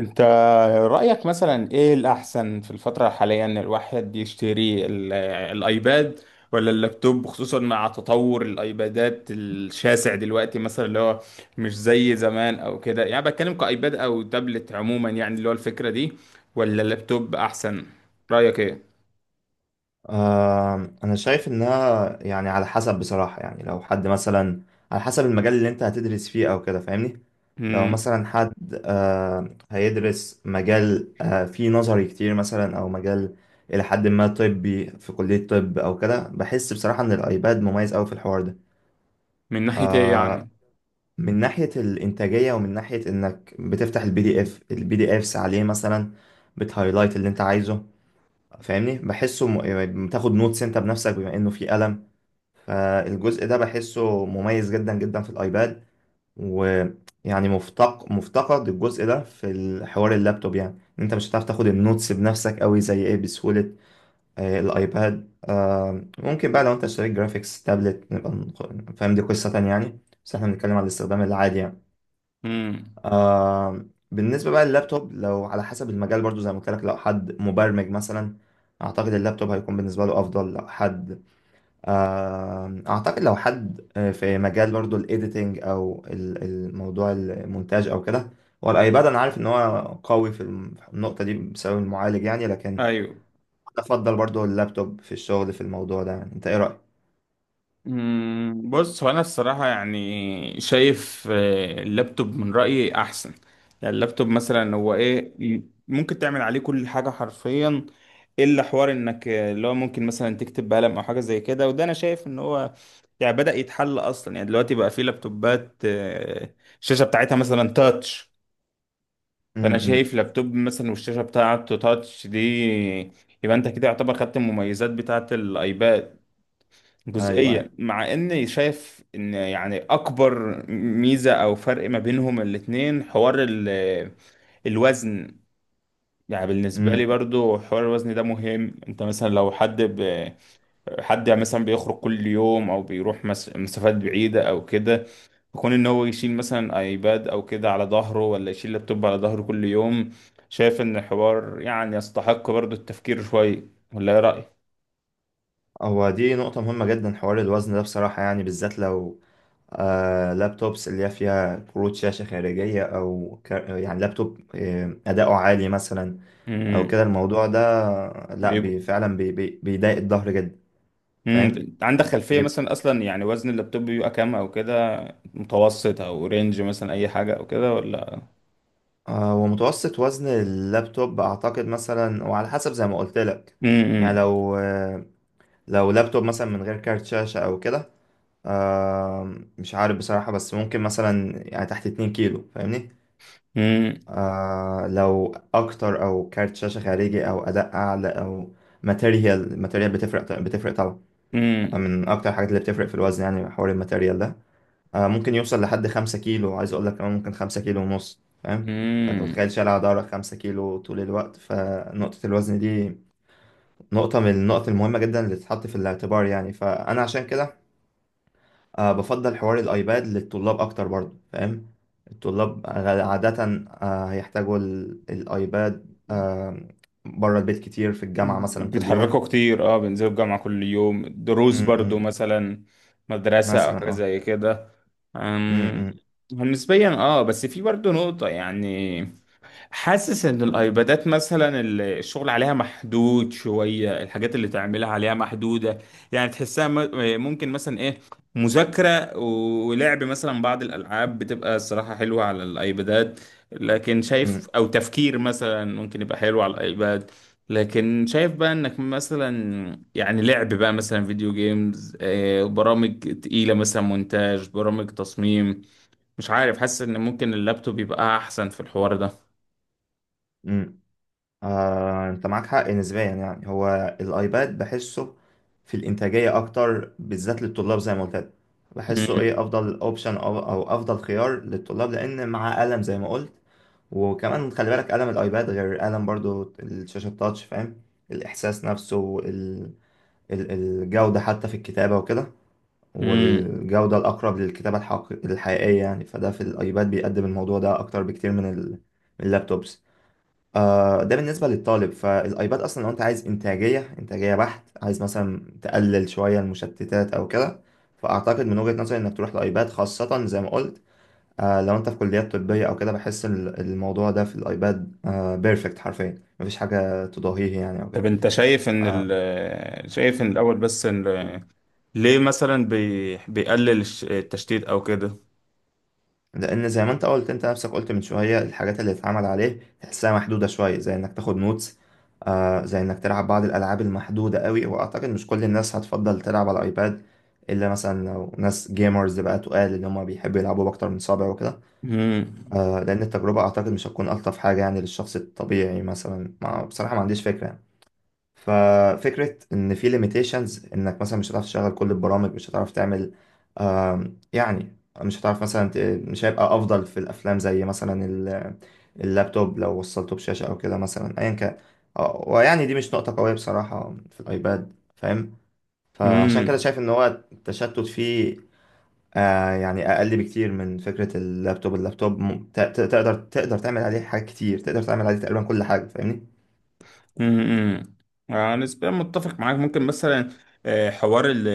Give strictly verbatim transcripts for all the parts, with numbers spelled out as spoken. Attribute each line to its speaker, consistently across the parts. Speaker 1: انت رأيك مثلا ايه الأحسن في الفترة الحالية ان الواحد يشتري ال- الايباد ولا اللابتوب، خصوصا مع تطور الايبادات الشاسع دلوقتي. مثلا اللي هو مش زي زمان او كده، يعني بتكلم كايباد او تابلت عموما، يعني اللي هو الفكرة دي ولا اللابتوب احسن؟ رأيك ايه؟
Speaker 2: آم، انا شايف انها يعني على حسب بصراحة يعني لو حد مثلا على حسب المجال اللي انت هتدرس فيه او كده فاهمني. لو
Speaker 1: مم.
Speaker 2: مثلا حد آم، هيدرس مجال آه، فيه نظري كتير مثلا او مجال الى حد ما طبي في كلية طب او كده، بحس بصراحة ان الايباد مميز اوي في الحوار ده.
Speaker 1: من ناحية ايه
Speaker 2: آه،
Speaker 1: يعني؟
Speaker 2: من ناحية الانتاجية، ومن ناحية انك بتفتح البي دي اف البي دي افس عليه مثلا، بتهايلايت اللي انت عايزه. فاهمني بحسه م... يعني بتاخد نوتس انت بنفسك بما انه في قلم، فالجزء ده بحسه مميز جدا جدا في الايباد. ويعني مفتق... مفتقد الجزء ده في الحوار اللابتوب، يعني إن انت مش هتعرف تاخد النوتس بنفسك قوي زي ايه بسهولة. آه، الايباد آه، ممكن بقى لو انت اشتريت جرافيكس تابلت نبقى نق- فاهم دي قصة تانية يعني، بس احنا بنتكلم على الاستخدام العادي يعني.
Speaker 1: مم.
Speaker 2: آه بالنسبة بقى لللابتوب، لو على حسب المجال برضو زي ما قلت لك، لو حد مبرمج مثلا أعتقد اللابتوب هيكون بالنسبة له أفضل. لو حد آه أعتقد لو حد آه، في مجال برضو الإيديتنج أو ال- الموضوع المونتاج أو كده، هو الأيباد أنا عارف إن هو قوي في الم- في النقطة دي بسبب المعالج، يعني لكن أنا
Speaker 1: ايوه.
Speaker 2: أفضل برضو اللابتوب في الشغل في الموضوع ده. يعني أنت إيه رأيك؟
Speaker 1: مم، بص، هو انا الصراحه يعني شايف آه، اللابتوب من رايي احسن. يعني اللابتوب مثلا هو ايه ي- ممكن تعمل عليه كل حاجه حرفيا، الا حوار انك آه، اللي هو ممكن مثلا تكتب بقلم او حاجه زي كده. وده انا شايف ان هو يعني بدأ يتحل اصلا. يعني دلوقتي بقى في لابتوبات آه، الشاشه بتاعتها مثلا تاتش.
Speaker 2: م-
Speaker 1: فانا شايف
Speaker 2: م.
Speaker 1: لابتوب مثلا والشاشه بتاعته تاتش دي، يبقى انت كده يعتبر خدت المميزات بتاعت الايباد جزئية،
Speaker 2: أيوه،
Speaker 1: مع اني شايف ان يعني اكبر ميزة او فرق ما بينهم الاتنين حوار ال- الوزن. يعني بالنسبة
Speaker 2: أيوه،
Speaker 1: لي برضو حوار الوزن ده مهم. انت مثلا لو حد ب... حد يعني مثلا بيخرج كل يوم او بيروح مس... مسافات بعيدة او كده، يكون ان هو يشيل مثلا ايباد او كده على ظهره ولا يشيل لابتوب على ظهره كل يوم. شايف ان الحوار يعني يستحق برضو التفكير شوية، ولا ايه رأيك؟
Speaker 2: هو دي نقطة مهمة جدا حوار الوزن ده بصراحة، يعني بالذات لو آه لابتوبس اللي هي فيها كروت شاشة خارجية أو كا- يعني لابتوب آه، أداؤه عالي مثلا أو
Speaker 1: امم.
Speaker 2: كده الموضوع ده. لأ بي فعلا بي بي بيضايق الظهر جدا، فاهم؟
Speaker 1: امم، عندك خلفية
Speaker 2: بيبقى،
Speaker 1: مثلا أصلا يعني وزن اللابتوب بيبقى كام أو كده؟ متوسط أو رينج مثلا أي حاجة أو كده، ولا؟
Speaker 2: آه ومتوسط وزن اللابتوب أعتقد مثلا وعلى حسب زي ما قلت لك، يعني
Speaker 1: امم.
Speaker 2: لو آه لو لابتوب مثلا من غير كارت شاشة أو كده، آه مش عارف بصراحة، بس ممكن مثلا يعني تحت اتنين كيلو فاهمني؟
Speaker 1: امم.
Speaker 2: آه لو اكتر او كارت شاشه خارجي او اداء اعلى او ماتيريال الماتيريال بتفرق بتفرق طبعا. آه،
Speaker 1: امم.
Speaker 2: من اكتر الحاجات اللي بتفرق في الوزن يعني حوار الماتيريال ده. آه ممكن يوصل لحد خمسة كيلو، عايز اقول لك كمان ممكن خمسة كيلو ونص فاهم. فانت
Speaker 1: امم،
Speaker 2: متخيل شايل على ظهرك خمسة كيلو طول الوقت، فنقطه الوزن دي نقطه من النقط المهمه جدا اللي تتحط في الاعتبار يعني. فانا عشان كده أه بفضل حوار الأيباد للطلاب أكتر برضو فاهم. الطلاب غ- عادة أه هيحتاجوا ال- الأيباد أه بره البيت كتير في الجامعة مثلا كل
Speaker 1: بيتحركوا
Speaker 2: يوم.
Speaker 1: كتير. اه، بينزلوا الجامعة كل يوم،
Speaker 2: م
Speaker 1: دروس برضو
Speaker 2: -م.
Speaker 1: مثلا، مدرسة أو
Speaker 2: مثلا
Speaker 1: حاجة
Speaker 2: اه.
Speaker 1: زي كده.
Speaker 2: م
Speaker 1: أمم،
Speaker 2: -م.
Speaker 1: نسبيا اه. بس في برضو نقطة، يعني حاسس ان الايبادات مثلا ال- الشغل عليها محدود شوية، الحاجات اللي تعملها عليها محدودة، يعني تحسها م- ممكن مثلا ايه، مذاكرة ولعب مثلا بعض الالعاب بتبقى الصراحة حلوة على الايبادات، لكن شايف
Speaker 2: م
Speaker 1: او تفكير مثلا ممكن يبقى حلو على الايباد. لكن شايف بقى انك مثلا يعني لعب بقى مثلا فيديو جيمز، آه، برامج تقيلة مثلا مونتاج، برامج تصميم، مش عارف، حاسس ان ممكن اللابتوب يبقى احسن في الحوار ده.
Speaker 2: -م. آه، انت معاك حق نسبيا، يعني هو الايباد بحسه في الانتاجيه اكتر بالذات للطلاب زي ما قلت لك. بحسه
Speaker 1: امم.
Speaker 2: ايه افضل اوبشن او أو افضل خيار للطلاب لان معاه قلم زي ما قلت. وكمان خلي بالك قلم الايباد غير قلم برضو الشاشه التاتش فاهم. الاحساس نفسه، ال... ال- الجوده حتى في الكتابه وكده،
Speaker 1: امم.
Speaker 2: والجوده الاقرب للكتابه الحق... الحقيقيه يعني، فده في الايباد بيقدم الموضوع ده اكتر بكتير من ال- من اللابتوبس. آه، ده بالنسبة للطالب. فالأيباد أصلا لو أنت عايز إنتاجية، إنتاجية بحت، عايز مثلا تقلل شوية المشتتات أو كده، فأعتقد من وجهة نظري إنك تروح لأيباد. خاصة زي ما قلت آه، لو أنت في كليات طبية أو كده، بحس ال- الموضوع ده في الأيباد آه بيرفكت حرفيا، مفيش حاجة تضاهيه يعني أو كده.
Speaker 1: طب انت شايف ان ال شايف ان الاول بس ان ليه مثلا بي بيقلل الش- التشتيت او كده؟
Speaker 2: لان زي ما انت قلت، انت نفسك قلت من شويه، الحاجات اللي اتعمل عليه تحسها محدوده شويه، زي انك تاخد نوتس، آه زي انك تلعب بعض الالعاب المحدوده قوي، واعتقد مش كل الناس هتفضل تلعب على الايباد، الا مثلا لو ناس جيمرز بقى تقال ان هم بيحبوا يلعبوا باكتر من صابع وكده.
Speaker 1: امم.
Speaker 2: آه لان التجربه اعتقد مش هتكون الطف حاجه يعني للشخص الطبيعي، مثلا ما بصراحه ما عنديش فكره. ففكرة إن في limitations، إنك مثلا مش هتعرف تشغل كل البرامج، مش هتعرف تعمل آم، يعني مش هتعرف مثلا ت- مش هيبقى أفضل في الأفلام زي مثلا ال- اللابتوب لو وصلته بشاشة أو كده مثلا أيا كان. آه، ويعني دي مش نقطة قوية بصراحة في الأيباد فاهم. فعشان كده شايف إن هو التشتت فيه آه، يعني أقل بكتير من فكرة اللابتوب. اللابتوب م- ت- ت- تقدر تقدر تعمل عليه حاجات كتير، تقدر تعمل عليه تقريبا كل حاجة فاهمني؟
Speaker 1: امم. آه، نسبيا متفق معاك. ممكن مثلا آه، حوار ال-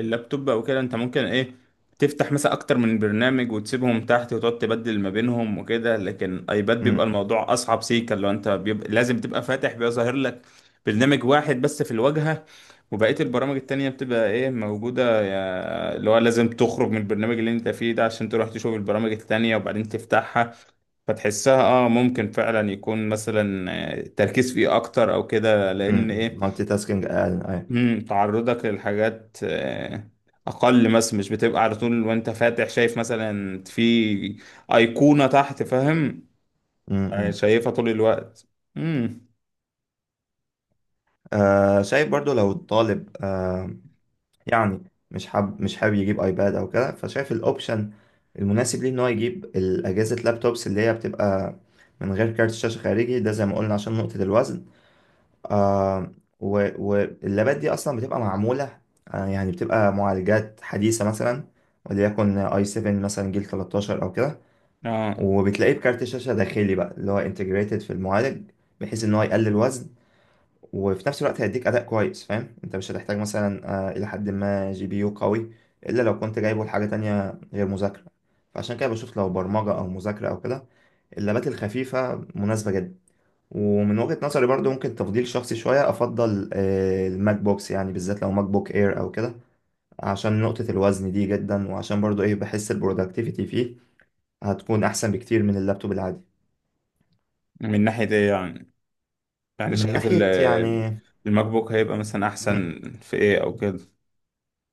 Speaker 1: اللابتوب او كده، انت ممكن ايه تفتح مثلا اكتر من برنامج وتسيبهم تحت وتقعد تبدل ما بينهم وكده، لكن ايباد بيبقى
Speaker 2: مم.
Speaker 1: الموضوع اصعب. سيكا لو انت بيبقى لازم تبقى فاتح، بيبقى ظاهر لك برنامج واحد بس في الواجهة، وبقية البرامج التانية بتبقى ايه، موجودة يا- اللي هو لازم تخرج من البرنامج اللي انت فيه ده عشان تروح تشوف البرامج التانية وبعدين تفتحها. فتحسها اه، ممكن فعلا يكون مثلا آه، التركيز فيه اكتر او كده، لان
Speaker 2: مم.
Speaker 1: ايه،
Speaker 2: مالتي تاسكينج أقل. أيوة.
Speaker 1: مم، تعرضك للحاجات آه، اقل مثلا، مش بتبقى على طول وانت فاتح شايف مثلا في ايقونة تحت، فاهم؟
Speaker 2: امم
Speaker 1: آه،
Speaker 2: امم.
Speaker 1: شايفها طول الوقت. امم.
Speaker 2: آه شايف برضو لو الطالب آه يعني مش حاب مش حابب يجيب ايباد او كده، فشايف الاوبشن المناسب ليه ان هو يجيب الاجهزه اللابتوبس اللي هي بتبقى من غير كارت شاشه خارجي، ده زي ما قلنا عشان نقطه الوزن. آه و- واللابات دي اصلا بتبقى معموله آه يعني بتبقى معالجات حديثه، مثلا وليكن اي سبعة مثلا جيل تلتاشر او كده،
Speaker 1: اه،
Speaker 2: وبتلاقيه بكارت شاشه داخلي بقى اللي هو انتجريتد في المعالج، بحيث ان هو يقلل وزن وفي نفس الوقت هيديك اداء كويس فاهم. انت مش هتحتاج مثلا آه، الى حد ما جي بي يو قوي، الا لو كنت جايبه لحاجه تانية غير مذاكره. فعشان كده بشوف لو برمجه او مذاكره او كده، اللابات الخفيفه مناسبه جدا. ومن وجهه نظري برضو، ممكن تفضيل شخصي شويه، افضل آه، الماك بوكس يعني، بالذات لو ماك بوك اير او كده، عشان نقطه الوزن دي جدا، وعشان برضو ايه بحس البرودكتيفيتي فيه هتكون احسن بكتير من اللابتوب العادي.
Speaker 1: من ناحية ايه يعني؟ يعني
Speaker 2: من
Speaker 1: شايف
Speaker 2: ناحيه
Speaker 1: ال-
Speaker 2: يعني
Speaker 1: الماك بوك هيبقى مثلا احسن في ايه او كده؟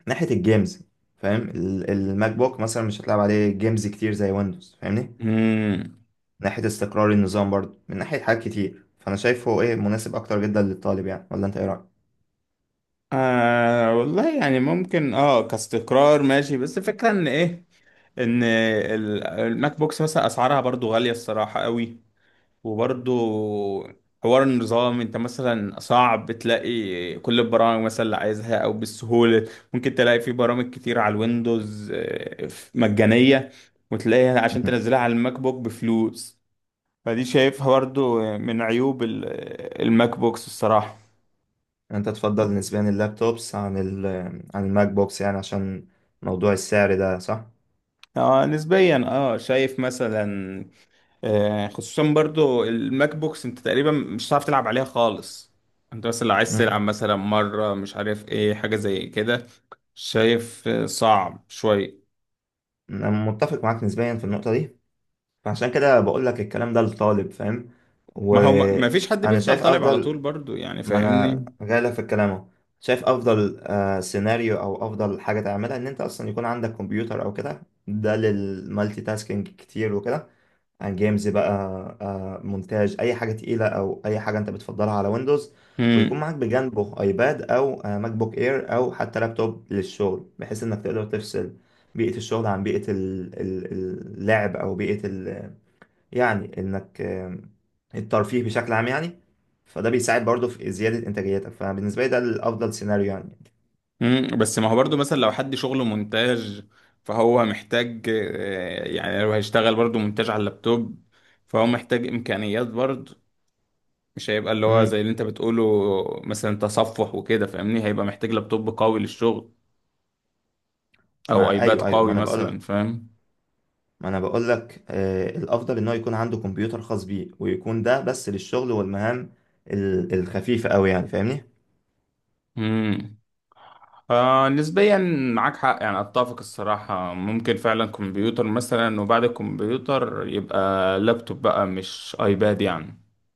Speaker 2: ناحية الجيمز فاهم. ال- الماك بوك مثلا مش هتلعب عليه جيمز كتير زي ويندوز فاهمني.
Speaker 1: امم.
Speaker 2: ناحية استقرار النظام برضه، من ناحية حاجات كتير، فأنا شايفه إيه مناسب أكتر جدا للطالب يعني، ولا أنت إيه رأيك؟
Speaker 1: آه، والله يعني ممكن اه، كاستقرار ماشي، بس الفكرة ان ايه، ان ال- الماك بوكس مثلا اسعارها برضو غالية الصراحة قوي، وبرضو حوار النظام، انت مثلا صعب تلاقي كل البرامج مثلا اللي عايزها او بالسهولة. ممكن تلاقي في برامج كتير على الويندوز آه، مجانية، وتلاقيها عشان
Speaker 2: مم.
Speaker 1: تنزلها على الماك بوك بفلوس. فدي شايفها برضو من عيوب ال- الماك بوكس الصراحة.
Speaker 2: أنت تفضل نسبيا اللابتوبس عن ال عن الماك بوكس يعني عشان موضوع السعر ده، صح؟
Speaker 1: اه، نسبيا اه، شايف مثلا آه، خصوصا برضو الماك بوكس انت تقريبا مش هتعرف تلعب عليها خالص. انت مثلا لو عايز تلعب
Speaker 2: مم.
Speaker 1: مثلا مرة، مش عارف ايه، حاجة زي كده، شايف آه، صعب شوية.
Speaker 2: أنا متفق معاك نسبيا في النقطة دي، فعشان كده بقول لك الكلام ده للطالب فاهم؟
Speaker 1: ما هو ما ما فيش حد
Speaker 2: وأنا
Speaker 1: بيفضل
Speaker 2: شايف
Speaker 1: طالب على
Speaker 2: أفضل.
Speaker 1: طول برضو، يعني
Speaker 2: ما انا
Speaker 1: فاهمني.
Speaker 2: جايلك في الكلام اهو، شايف افضل آه، سيناريو او افضل حاجه تعملها ان انت اصلا يكون عندك كمبيوتر او كده، ده للمالتي تاسكينج كتير وكده، عن جيمز بقى آه، مونتاج، اي حاجه تقيله او اي حاجه انت بتفضلها على ويندوز، ويكون
Speaker 1: امم.
Speaker 2: معاك بجانبه ايباد او آه، ماك بوك اير او حتى لابتوب للشغل، بحيث انك تقدر تفصل بيئه الشغل عن بيئه ال- ال- اللعب، او بيئه يعني انك آم، الترفيه بشكل عام يعني. فده بيساعد برضه في زيادة انتاجيتك، فبالنسبة لي ده الافضل سيناريو يعني.
Speaker 1: امم، بس ما هو برضو مثلا لو حد شغله مونتاج، فهو محتاج آه، يعني لو هيشتغل برضو مونتاج على اللابتوب، فهو محتاج امكانيات برضو، مش هيبقى اللي هو
Speaker 2: امم.
Speaker 1: زي اللي انت بتقوله، مثلا تصفح وكده فاهمني. هيبقى محتاج لابتوب قوي للشغل، او
Speaker 2: ما
Speaker 1: ايباد
Speaker 2: ايوه ايوه ما
Speaker 1: قوي
Speaker 2: انا بقول
Speaker 1: مثلا،
Speaker 2: لك
Speaker 1: فاهم؟
Speaker 2: ما انا بقول لك آه الافضل ان هو يكون عنده كمبيوتر خاص بيه، ويكون ده بس للشغل والمهام ال- الخفيفة قوي يعني فاهمني.
Speaker 1: امم. آه، نسبيا معاك حق. يعني اتفق الصراحة، ممكن فعلا كمبيوتر مثلا، وبعد الكمبيوتر يبقى لابتوب بقى، مش ايباد يعني.